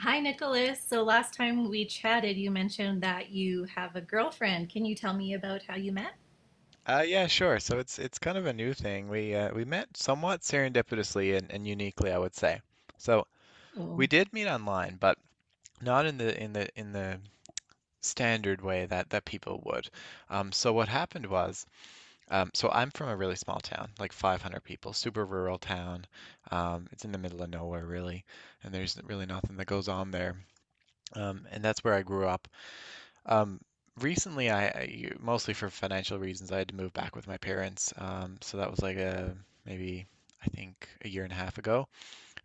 Hi, Nicholas. So last time we chatted, you mentioned that you have a girlfriend. Can you tell me about how you met? Yeah, sure. So it's kind of a new thing. We met somewhat serendipitously and uniquely, I would say. So we Oh, did meet online, but not in the standard way that people would. So what happened was, so I'm from a really small town, like 500 people, super rural town. It's in the middle of nowhere, really, and there's really nothing that goes on there. And that's where I grew up. Um, Recently, mostly for financial reasons, I had to move back with my parents. So that was like a maybe I think a year and a half ago,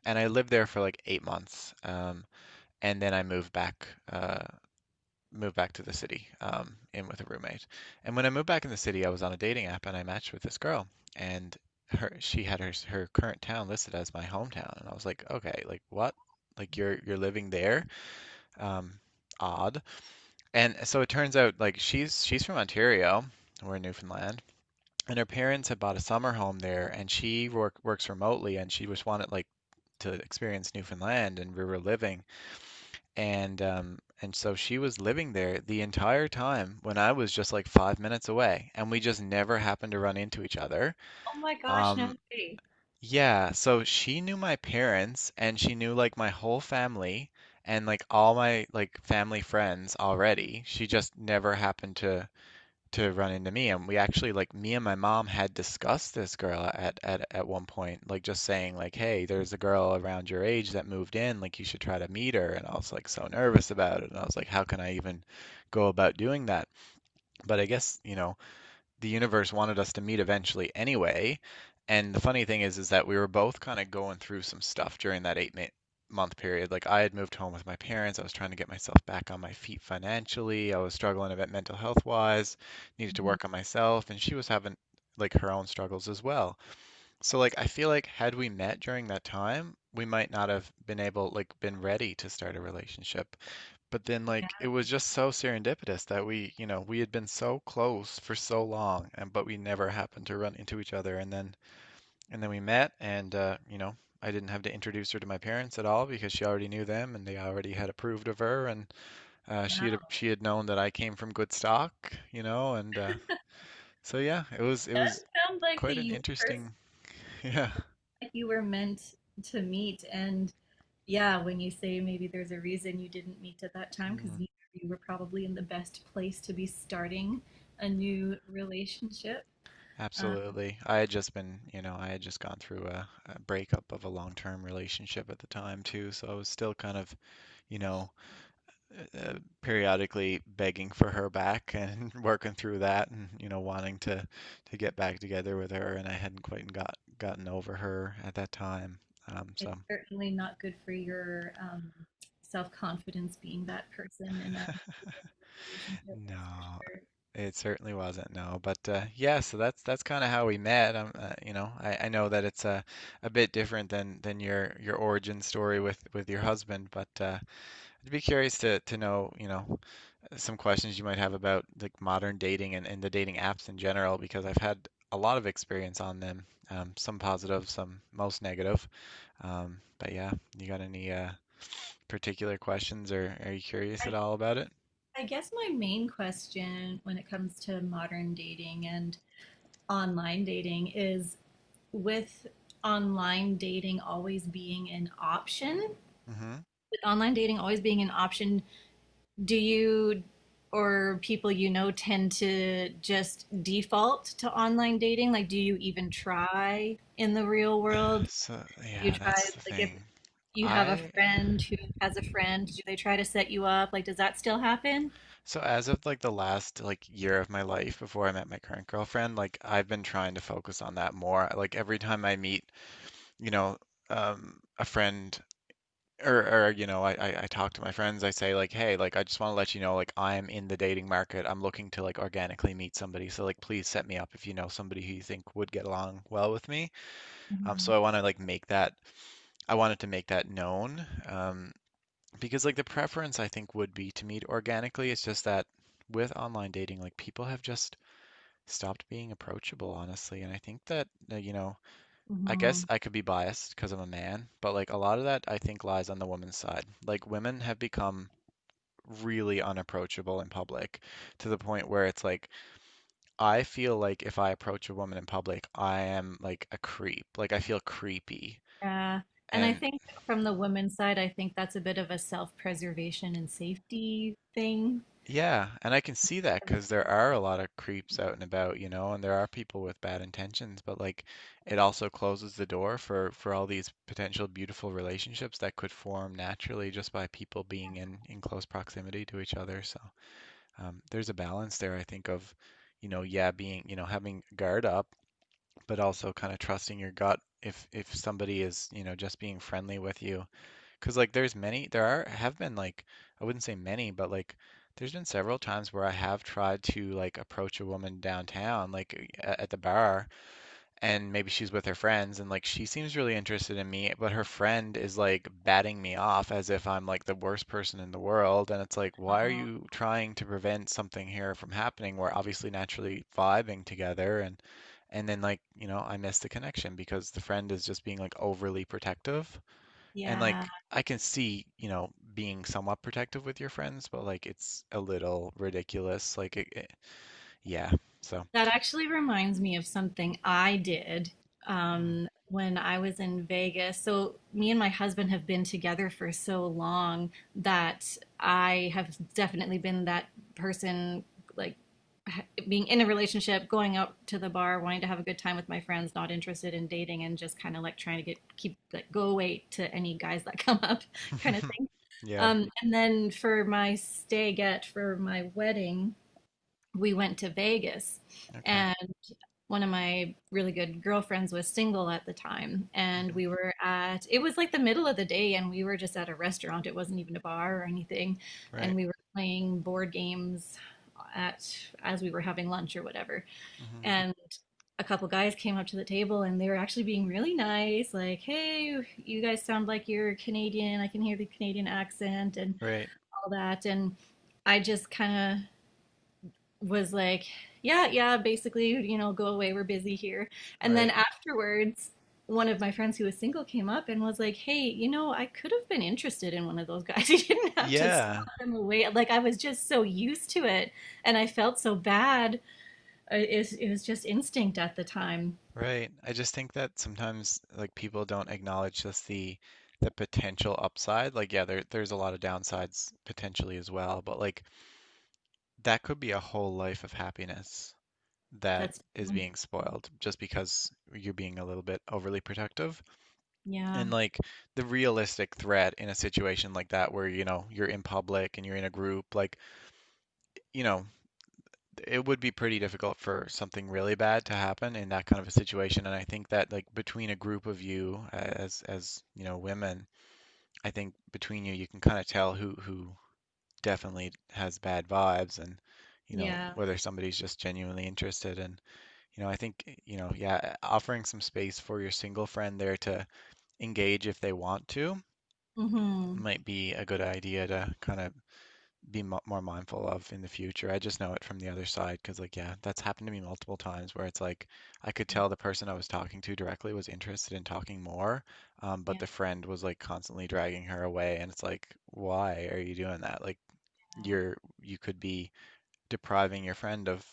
and I lived there for like 8 months. And then I moved back to the city, in with a roommate. And when I moved back in the city, I was on a dating app and I matched with this girl, and her she had her current town listed as my hometown, and I was like, okay, like what? Like you're living there? Um, Odd. And so it turns out like she's from Ontario, we're in Newfoundland, and her parents had bought a summer home there, and she works remotely, and she just wanted like to experience Newfoundland and where we're living, and so she was living there the entire time when I was just like 5 minutes away, and we just never happened to run into each other. oh my gosh, no Um, way. yeah, so she knew my parents, and she knew like my whole family. And like all my like family friends already, she just never happened to run into me. And we actually, like, me and my mom had discussed this girl at one point, like just saying like, hey, there's a girl around your age that moved in, like you should try to meet her, and I was like so nervous about it, and I was like, how can I even go about doing that? But I guess, you know, the universe wanted us to meet eventually anyway. And the funny thing is that we were both kind of going through some stuff during that month period. Like I had moved home with my parents. I was trying to get myself back on my feet financially. I was struggling a bit mental health wise, needed to Mhm. work on myself, and she was having like her own struggles as well. So like I feel like had we met during that time, we might not have been able, like, been ready to start a relationship, but then like it was just so serendipitous that we, you know, we had been so close for so long, and but we never happened to run into each other, and then we met. And you know, I didn't have to introduce her to my parents at all because she already knew them, and they already had approved of her. And she had Wow. she had known that I came from good stock, you know. And so yeah, it was Sounds like the quite an universe, interesting yeah. like you were meant to meet. And yeah, when you say maybe there's a reason you didn't meet at that time, because Mm. neither of you were probably in the best place to be starting a new relationship. Um, Absolutely. I had just been, you know, I had just gone through a breakup of a long-term relationship at the time too, so I was still kind of, you know, uh, uh, periodically begging for her back and working through that, and, you know, wanting to get back together with her, and I hadn't quite gotten over her at that time. Um, it's so certainly not good for your self confidence being that person in a relationship. That's for No, sure. it certainly wasn't. No, but yeah, so that's kind of how we met. You know, I know that it's a bit different than your origin story with your husband, but I'd be curious to know, you know, some questions you might have about like modern dating, and the dating apps in general, because I've had a lot of experience on them. Some positive, some most negative. But yeah, you got any particular questions, or are you curious at I, all about it? I guess my main question when it comes to modern dating and online dating is with online dating always being an option, with online dating always being an option, do you or people you know tend to just default to online dating? Like, do you even try in the real world? So You yeah, try that's the like If thing. you have a I friend who has a friend, do they try to set you up? Like, does that still happen? So as of like the last like year of my life before I met my current girlfriend, like I've been trying to focus on that more. Like every time I meet, you know, a friend, or or you know, I talk to my friends, I say like, "Hey, like I just want to let you know like I'm in the dating market. I'm looking to like organically meet somebody. So like please set me up if you know somebody who you think would get along well with me." Um so Mhm. I want to like make that I wanted to make that known. Because like the preference, I think, would be to meet organically. It's just that with online dating, like people have just stopped being approachable, honestly. And I think that, you know, I guess Mhm. I could be biased because I'm a man, but like a lot of that, I think, lies on the woman's side. Like women have become really unapproachable in public, to the point where it's like I feel like if I approach a woman in public, I am like a creep. Like I feel creepy. Yeah. And I And think from the women's side, I think that's a bit of a self-preservation and safety thing. Yeah, and I can see that because there are a lot of creeps out and about, you know, and there are people with bad intentions, but like it also closes the door for all these potential beautiful relationships that could form naturally just by people being in close proximity to each other. So there's a balance there, I think, of, you know, yeah, being, you know, having guard up, but also kind of trusting your gut if somebody is, you know, just being friendly with you. Cause like there's many, there are have been like I wouldn't say many, but like there's been several times where I have tried to like approach a woman downtown, like at the bar, and maybe she's with her friends, and like she seems really interested in me, but her friend is like batting me off as if I'm like the worst person in the world, and it's like, why are Uh, you trying to prevent something here from happening? We're obviously naturally vibing together, and then like, you know, I miss the connection because the friend is just being like overly protective. And Yeah. like I can see, you know, being somewhat protective with your friends, but like it's a little ridiculous. Like yeah. So. That actually reminds me of something I did when I was in Vegas. So, me and my husband have been together for so long that I have definitely been that person, like being in a relationship, going out to the bar, wanting to have a good time with my friends, not interested in dating, and just kind of like trying to get keep like go away to any guys that come up, kind of Mm. thing. Yeah. And then for my stay get for my wedding, we went to Vegas. Okay. One of my really good girlfriends was single at the time, and Hmm. we were at— it was like the middle of the day and we were just at a restaurant, it wasn't even a bar or anything, and Right. we were playing board games at as we were having lunch or whatever, Hmm. and a couple guys came up to the table, and they were actually being really nice, like, hey, you guys sound like you're Canadian, I can hear the Canadian accent and Right. all that. And I just kind of was like, yeah, yeah, basically, you know, go away, we're busy here. And then Right. afterwards, one of my friends who was single came up and was like, hey, you know, I could have been interested in one of those guys. You didn't have to swat Yeah. them away. Like, I was just so used to it and I felt so bad. It was just instinct at the time. Right. I just think that sometimes, like, people don't acknowledge just the potential upside. Like yeah, there's a lot of downsides potentially as well, but like that could be a whole life of happiness that That's is true. being spoiled just because you're being a little bit overly protective. Yeah. And like the realistic threat in a situation like that, where, you know, you're in public and you're in a group, like, you know, it would be pretty difficult for something really bad to happen in that kind of a situation. And I think that, like, between a group of you, as you know, women, I think between you, can kind of tell who definitely has bad vibes, and, you know, Yeah. whether somebody's just genuinely interested. And you know, I think, eh, you know, yeah, offering some space for your single friend there to engage if they want to Mm-hmm. might be a good idea to kind of be mo more mindful of in the future. I just know it from the other side because, like, yeah, that's happened to me multiple times, where it's like I could tell the person I was talking to directly was interested in talking more, but Yeah. the friend was like constantly dragging her away, and it's like, why are you doing that? Like, you're you could be depriving your friend of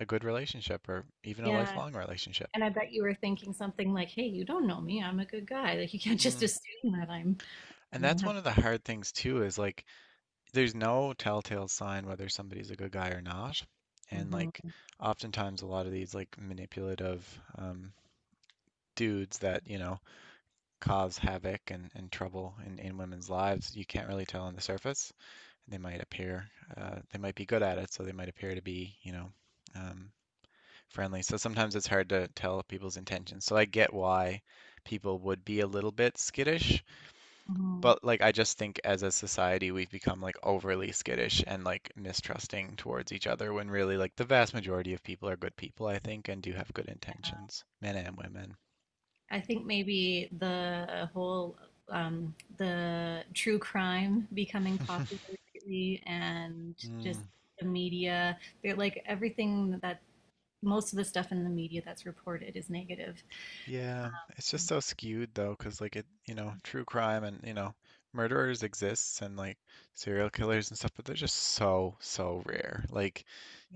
a good relationship or even a Yeah. lifelong relationship. And I bet you were thinking something like, hey, you don't know me. I'm a good guy. Like, you can't just Hmm. assume that I'm, And you know, that's have. one of the hard things too, is like there's no telltale sign whether somebody's a good guy or not. And like Mm-hmm. oftentimes a lot of these like manipulative um, dudes that, you know, cause havoc and trouble in women's lives, you can't really tell on the surface. They might appear, they might be good at it, so they might appear to be, you know, um, friendly. So sometimes it's hard to tell people's intentions. So I get why people would be a little bit skittish. Mhm. But like I just think, as a society, we've become like overly skittish and like mistrusting towards each other, when really like the vast majority of people are good people, I think, and do have good intentions, men and women. I think maybe the whole the true crime becoming popular lately and just Mm, the media, they're like everything that most of the stuff in the media that's reported is negative. yeah, it's just so skewed though, because like you know, true crime and, you know, murderers exists, and like serial killers and stuff, but they're just so, so rare. Like,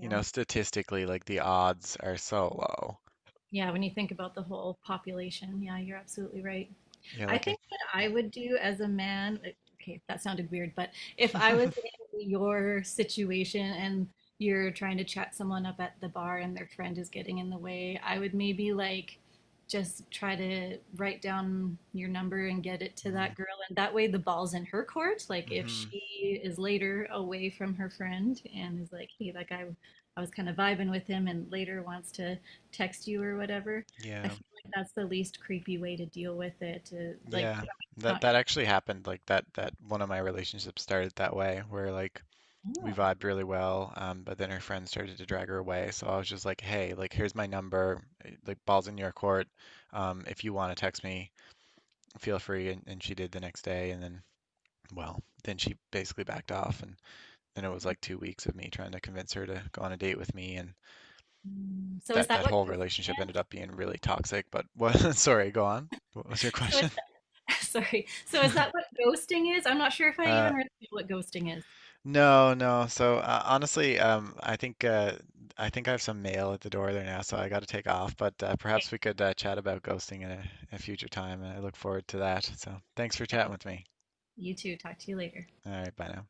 you know, statistically, like the odds are so low. Yeah, when you think about the whole population, yeah, you're absolutely right. Yeah, I like think what I yeah. would do as a man, like, okay, that sounded weird, but if I was Mm. in your situation and you're trying to chat someone up at the bar and their friend is getting in the way, I would maybe like just try to write down your number and get it to Hmm. that girl. And that way the ball's in her court. Like if Mm-hmm. she is later away from her friend and is like, hey, that guy, I was kind of vibing with him, and later wants to text you or whatever, I Yeah. feel like that's the least creepy way to deal with it. To like Yeah, that not that creep. actually happened. Like that one of my relationships started that way, where like we Oh. vibed really well, but then her friend started to drag her away. So I was just like, hey, like here's my number, eh, like balls in your court. If you want to text me, feel free. And she did the next day, and then, well, then she basically backed off, and then it was like 2 weeks of me trying to convince her to go on a date with me, and Mm. So is that that that what whole ghosting relationship is? ended up being really toxic. But what? Sorry, go on. What was your So is question? Sorry. So is that what ghosting is? I'm not sure if I Uh, even really know what ghosting is. No, no. So honestly, I think I have some mail at the door there now, so I got to take off. But Okay, perhaps we could chat about ghosting in a future time, and I look forward to that. So thanks for chatting with me. you too. Talk to you later. All right, bye now.